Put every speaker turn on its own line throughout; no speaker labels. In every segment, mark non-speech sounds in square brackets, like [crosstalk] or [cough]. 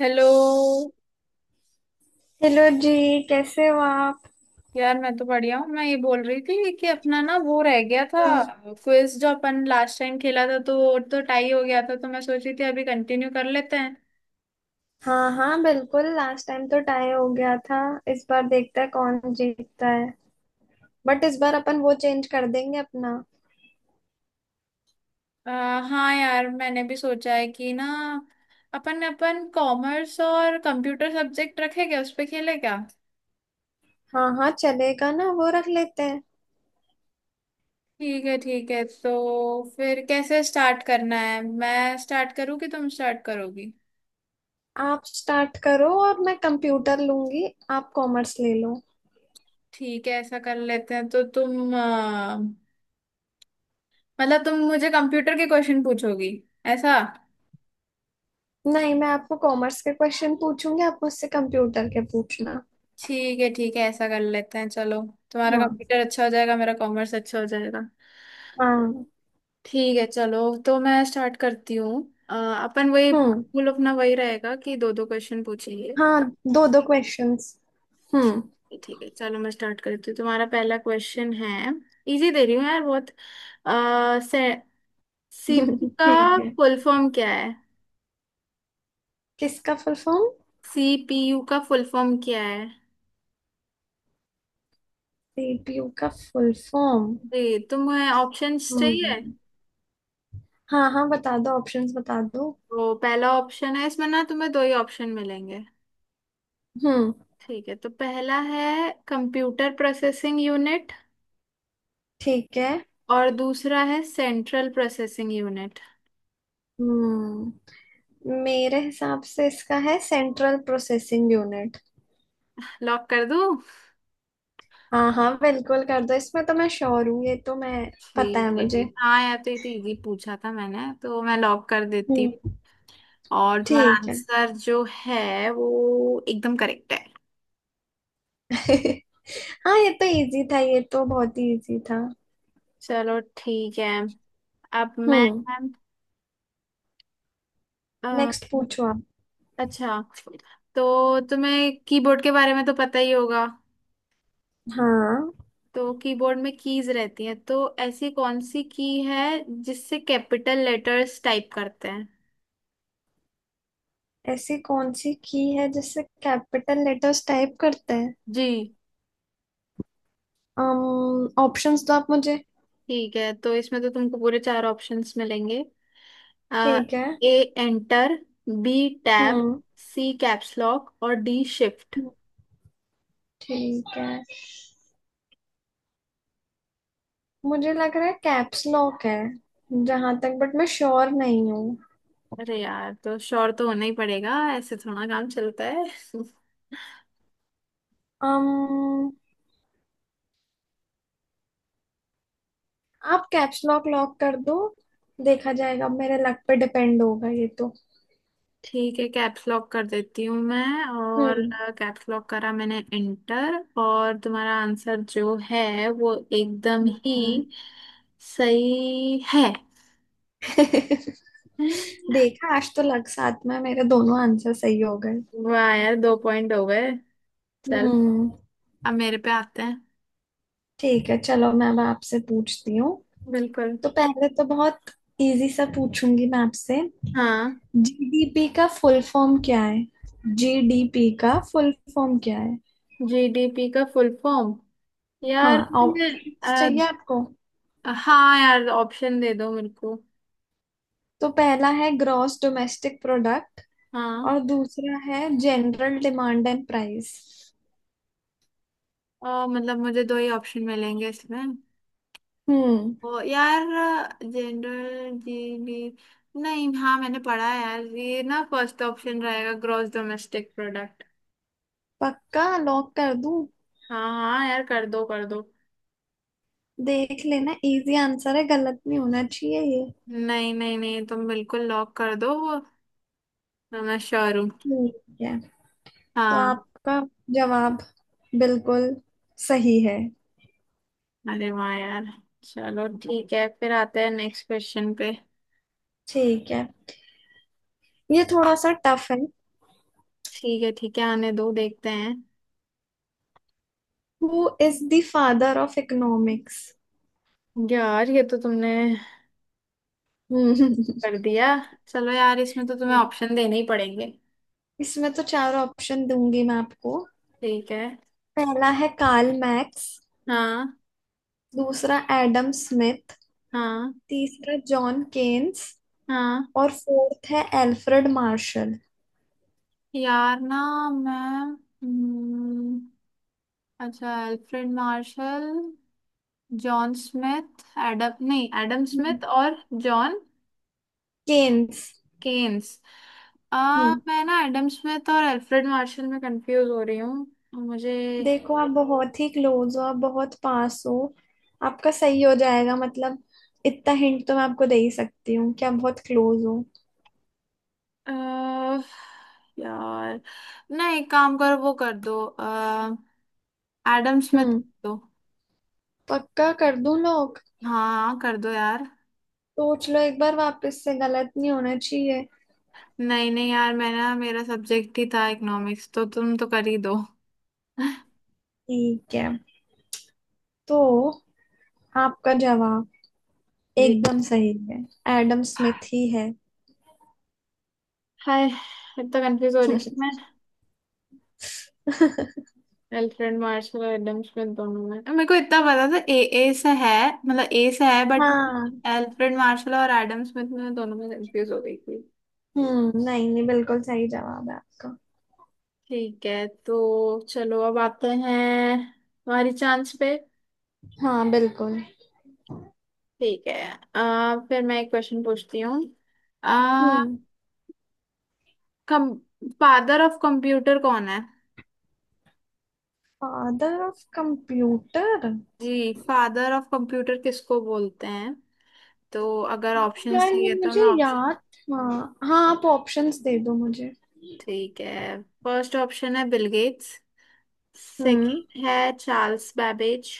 Hello.
Hello जी। कैसे हो आप।
यार मैं तो बढ़िया हूँ। मैं ये बोल रही थी कि अपना ना वो रह गया था।
हम्म।
क्विज जो अपन लास्ट टाइम खेला था तो वो तो टाई हो गया था तो मैं सोच रही थी अभी कंटिन्यू कर लेते हैं।
हाँ हाँ, बिल्कुल लास्ट टाइम तो टाई हो गया था। इस बार देखते हैं कौन जीतता है। बट इस बार अपन वो चेंज कर देंगे अपना।
हाँ यार मैंने भी सोचा है कि ना अपन अपन कॉमर्स और कंप्यूटर सब्जेक्ट रखे क्या उस पे खेले क्या।
हाँ हाँ, चलेगा ना, वो रख लेते हैं।
ठीक है ठीक है। तो फिर कैसे स्टार्ट करना है, मैं स्टार्ट करूँ कि तुम स्टार्ट करोगी।
आप स्टार्ट करो और मैं कंप्यूटर लूंगी। आप कॉमर्स ले लो।
ठीक है ऐसा कर लेते हैं तो तुम मतलब तुम मुझे कंप्यूटर के क्वेश्चन पूछोगी ऐसा।
नहीं, मैं आपको कॉमर्स के क्वेश्चन पूछूंगी, आप मुझसे कंप्यूटर के पूछना।
ठीक है ऐसा कर लेते हैं चलो। तुम्हारा
हाँ
कंप्यूटर अच्छा हो जाएगा, मेरा कॉमर्स अच्छा हो जाएगा।
हाँ।
ठीक है चलो तो मैं स्टार्ट करती हूँ। अपन वही
हम्म।
पूल अपना वही रहेगा कि दो दो क्वेश्चन पूछेंगे।
हाँ, दो दो क्वेश्चंस। हम्म।
ठीक ठीक है चलो मैं स्टार्ट करती हूँ। तुम्हारा पहला क्वेश्चन है, इजी दे रही हूँ यार बहुत। आ, से, सीपीयू
[laughs]
का
ठीक है।
फुल फॉर्म क्या है।
किसका फुल फॉर्म।
सीपीयू का फुल फॉर्म क्या है।
सीपीयू का फुल फॉर्म।
जी तुम्हें ऑप्शंस चाहिए।
हम्म। हाँ हाँ, बता दो, ऑप्शंस बता दो।
तो पहला ऑप्शन है, इसमें ना तुम्हें दो ही ऑप्शन मिलेंगे।
हम्म।
ठीक है तो पहला है कंप्यूटर प्रोसेसिंग यूनिट
ठीक है।
और दूसरा है सेंट्रल प्रोसेसिंग यूनिट।
हम्म। मेरे हिसाब से इसका है सेंट्रल प्रोसेसिंग यूनिट।
लॉक कर दूं।
हाँ हाँ, बिल्कुल कर दो, इसमें तो मैं श्योर हूँ, ये तो मैं। पता है
ठीक है
मुझे।
ठीक हाँ यार। तो ये तो इजी पूछा था मैंने, तो मैं लॉक कर देती
हम्म।
हूँ। और तुम्हारा
ठीक है।
आंसर जो है वो एकदम करेक्ट है।
[laughs] हाँ, ये तो इजी था, ये तो बहुत ही इजी था।
चलो ठीक है। अब मैं
हम्म।
अ,
नेक्स्ट पूछो आप।
अच्छा तो तुम्हें कीबोर्ड के बारे में तो पता ही होगा।
हाँ।
तो कीबोर्ड में कीज रहती हैं, तो ऐसी कौन सी की है जिससे कैपिटल लेटर्स टाइप करते हैं।
ऐसी कौन सी की है जिससे कैपिटल लेटर्स टाइप करते हैं।
जी।
ऑप्शंस दो आप मुझे।
ठीक है तो इसमें तो तुमको पूरे चार ऑप्शंस मिलेंगे। आ,
ठीक है।
A enter, B tab,
hmm.
C caps lock और डी शिफ्ट।
ठीक है। मुझे लग रहा है कैप्स लॉक है, जहां तक, बट मैं श्योर नहीं हूँ।
अरे यार तो श्योर तो होना ही पड़ेगा, ऐसे थोड़ा काम चलता है। [laughs]
um, आप कैप्स लॉक लॉक कर दो। देखा जाएगा, अब मेरे लक पे डिपेंड होगा ये तो।
ठीक है कैप्स लॉक कर देती हूँ मैं। और
हम्म।
कैप्स लॉक करा मैंने एंटर। और तुम्हारा आंसर जो है वो एकदम ही
हम्म।
सही है।
[laughs] देखा, आज तो लग साथ में मेरे दोनों आंसर सही हो गए।
वाह यार दो पॉइंट हो गए। चल
हम्म।
अब मेरे पे आते हैं।
ठीक है, चलो मैं अब आपसे पूछती हूँ।
बिल्कुल।
तो पहले तो बहुत इजी सा पूछूंगी मैं आपसे।
हाँ
जीडीपी का फुल फॉर्म क्या है। जीडीपी का फुल फॉर्म क्या है।
जीडीपी का फुल फॉर्म। यार
हाँ,
मैं
ऑप्शंस
अ,
चाहिए आपको।
हाँ यार ऑप्शन दे दो मेरे को।
तो पहला है ग्रॉस डोमेस्टिक प्रोडक्ट,
हाँ।
और दूसरा है जनरल डिमांड एंड प्राइस।
मतलब मुझे दो ही ऑप्शन मिलेंगे इसमें।
हम्म।
ओ यार जनरल जीडी नहीं। हाँ मैंने पढ़ा है यार ये ना फर्स्ट ऑप्शन रहेगा ग्रॉस डोमेस्टिक प्रोडक्ट।
पक्का लॉक कर दूं।
हाँ हाँ यार कर दो कर दो।
देख लेना, इजी आंसर है, गलत नहीं होना चाहिए ये।
नहीं नहीं नहीं तुम बिल्कुल लॉक कर दो वो, मैं श्योर हूँ।
ठीक है। तो
हाँ।
आपका जवाब बिल्कुल सही है।
अरे वाह यार। चलो ठीक है फिर आते हैं नेक्स्ट क्वेश्चन पे।
ठीक है, ये थोड़ा सा टफ है।
ठीक है आने दो देखते हैं।
Who is the father of economics.
यार ये तो तुमने
हम्म।
कर दिया। चलो यार इसमें तो तुम्हें ऑप्शन देने ही पड़ेंगे।
[laughs] इसमें तो चार ऑप्शन दूंगी मैं आपको।
ठीक है।
पहला है कार्ल मैक्स,
हाँ
दूसरा एडम स्मिथ,
हाँ
तीसरा जॉन केन्स,
हाँ।
और फोर्थ है एल्फ्रेड मार्शल।
यार ना मैं हम्म, अच्छा Alfred Marshall John Smith Adam नहीं एडम स्मिथ
हम्म,
और जॉन
केन्स।
केन्स।
हम्म।
मैं ना एडम स्मिथ और अल्फ्रेड मार्शल में कंफ्यूज हो रही हूँ मुझे।
देखो, आप बहुत ही क्लोज हो, आप बहुत पास हो। आपका सही हो जाएगा, मतलब इतना हिंट तो मैं आपको दे ही सकती हूँ कि आप बहुत क्लोज हो।
आ, यार ना एक काम करो वो कर दो एडम स्मिथ
हम्म।
कर दो।
पक्का कर दूं लोग।
हाँ कर दो यार।
सोच लो एक बार, वापस से गलत नहीं होना चाहिए।
नहीं नहीं यार मैं ना मेरा सब्जेक्ट ही था इकोनॉमिक्स, तो तुम तो कर ही दो। [laughs]
ठीक है। तो आपका जवाब
जी।
एकदम सही है। एडम स्मिथ ही है।
हाय इतना कंफ्यूज हो रही थी मैं।
[laughs]
अल्फ्रेड मार्शल और एडम स्मिथ दोनों में मेरे को इतना पता था ए, ए से है, मतलब ए से है बट
हाँ।
अल्फ्रेड मार्शल और एडम स्मिथ में दोनों में कंफ्यूज हो गई थी।
हम्म, नहीं नहीं, बिल्कुल सही जवाब है आपका।
ठीक है तो चलो अब आते हैं हमारी चांस पे।
हाँ बिल्कुल।
ठीक है। फिर मैं एक क्वेश्चन पूछती हूँ। आ,
हम्म।
कम फादर ऑफ कंप्यूटर कौन है।
Father of computer.
जी फादर ऑफ कंप्यूटर किसको बोलते हैं। तो अगर ऑप्शन
यार, ये
चाहिए तो
मुझे
मैं ऑप्शन।
याद। हाँ हाँ, आप ऑप्शंस दे दो मुझे।
ठीक है फर्स्ट ऑप्शन है बिल गेट्स,
हम्म।
सेकंड है चार्ल्स बैबेज,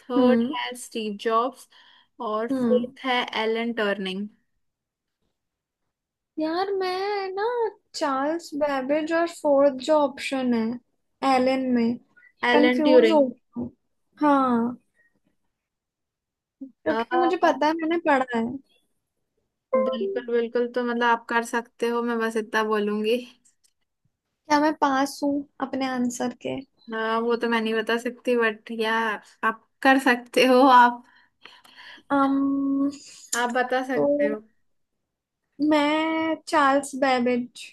थर्ड
हम्म।
है स्टीव जॉब्स और
हम्म।
फोर्थ है एलन टर्निंग।
यार मैं ना, चार्ल्स बेबेज और फोर्थ जो ऑप्शन है एलन में,
एलन
कंफ्यूज हो
ट्यूरिंग।
गई हूँ। हाँ।
अ,
क्योंकि मुझे पता है मैंने पढ़ा है।
बिल्कुल बिल्कुल तो मतलब आप कर सकते हो, मैं बस इतना बोलूंगी।
क्या मैं पास हूँ अपने आंसर के।
वो तो मैं नहीं बता सकती बट या आप कर सकते हो, आप
um,
आप बता
तो
सकते हो।
मैं चार्ल्स बैबेज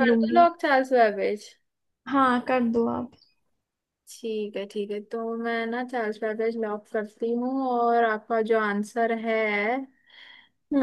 कर दो लॉक चार्ल्स बैबेज।
हाँ, कर दो आप।
ठीक है तो मैं ना चार्ल्स बैबेज लॉक करती हूँ और आपका जो आंसर है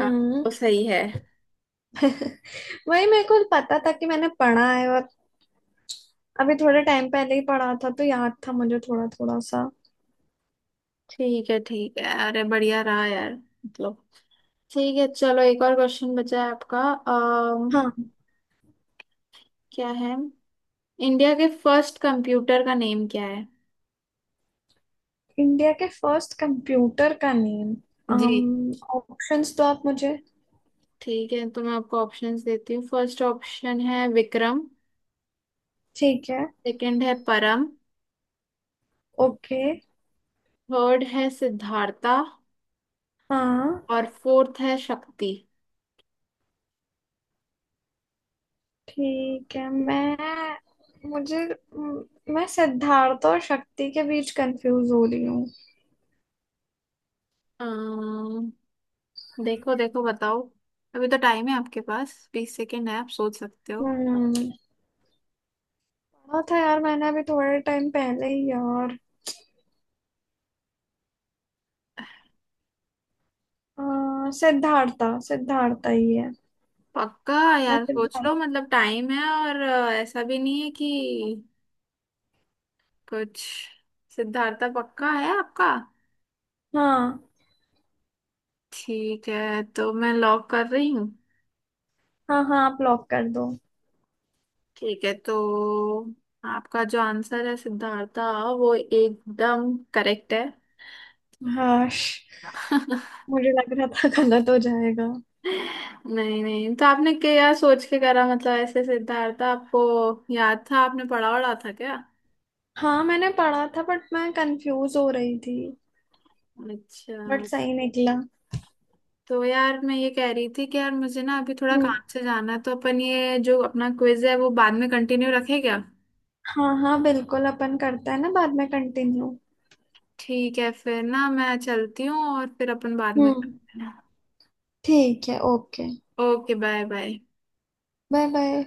आ, वो
[laughs]
सही है।
वही मेरे को पता था कि मैंने पढ़ा है, और अभी थोड़े टाइम पहले ही पढ़ा था तो याद था मुझे थोड़ा थोड़ा सा।
ठीक है ठीक है अरे बढ़िया रहा यार मतलब। ठीक है चलो एक और क्वेश्चन बचा है आपका। अम,
हाँ।
क्या है, इंडिया के फर्स्ट कंप्यूटर का नेम क्या है।
इंडिया के फर्स्ट कंप्यूटर का नेम।
जी।
ऑप्शंस तो आप मुझे।
ठीक है तो मैं आपको ऑप्शंस देती हूँ। फर्स्ट ऑप्शन है विक्रम,
ठीक है।
सेकंड है परम,
ओके।
थर्ड है सिद्धार्था
हाँ।
और फोर्थ है शक्ति।
ठीक है, मैं, मुझे, म- मैं सिद्धार्थ और शक्ति के बीच कंफ्यूज हो रही हूँ।
देखो देखो बताओ। अभी तो टाइम है आपके पास, 20 सेकेंड है, आप सोच सकते हो।
हम्म। पढ़ा था यार मैंने अभी थोड़े टाइम पहले ही यार। सिद्धार्था, सिद्धार्था ही है।
पक्का।
मैं
यार सोच
सिद्धार्थ।
लो मतलब टाइम है और ऐसा भी नहीं है कि कुछ। सिद्धार्थ पक्का है आपका।
हाँ।
ठीक है तो मैं लॉक कर रही हूँ।
हाँ हाँ, आप लॉक कर दो।
ठीक है तो आपका जो आंसर है सिद्धार्था वो एकदम करेक्ट है।
हाँ,
[laughs]
मुझे लग रहा था गलत हो जाएगा।
नहीं नहीं तो आपने क्या सोच के करा मतलब, ऐसे सिद्धार्थ आपको याद था, आपने पढ़ा वढ़ा था क्या।
हाँ, मैंने पढ़ा था बट मैं कंफ्यूज हो रही थी, बट
अच्छा
सही निकला।
तो यार मैं ये कह रही थी कि यार मुझे ना अभी थोड़ा
हम्म।
काम से जाना है तो अपन ये जो अपना क्विज है वो बाद में कंटिन्यू रखें क्या।
हाँ हाँ, बिल्कुल अपन करते हैं ना बाद में कंटिन्यू।
ठीक है फिर ना मैं चलती हूँ और फिर अपन बाद में
हम्म।
करते हैं।
ठीक है, okay.
Okay bye bye.
Bye bye.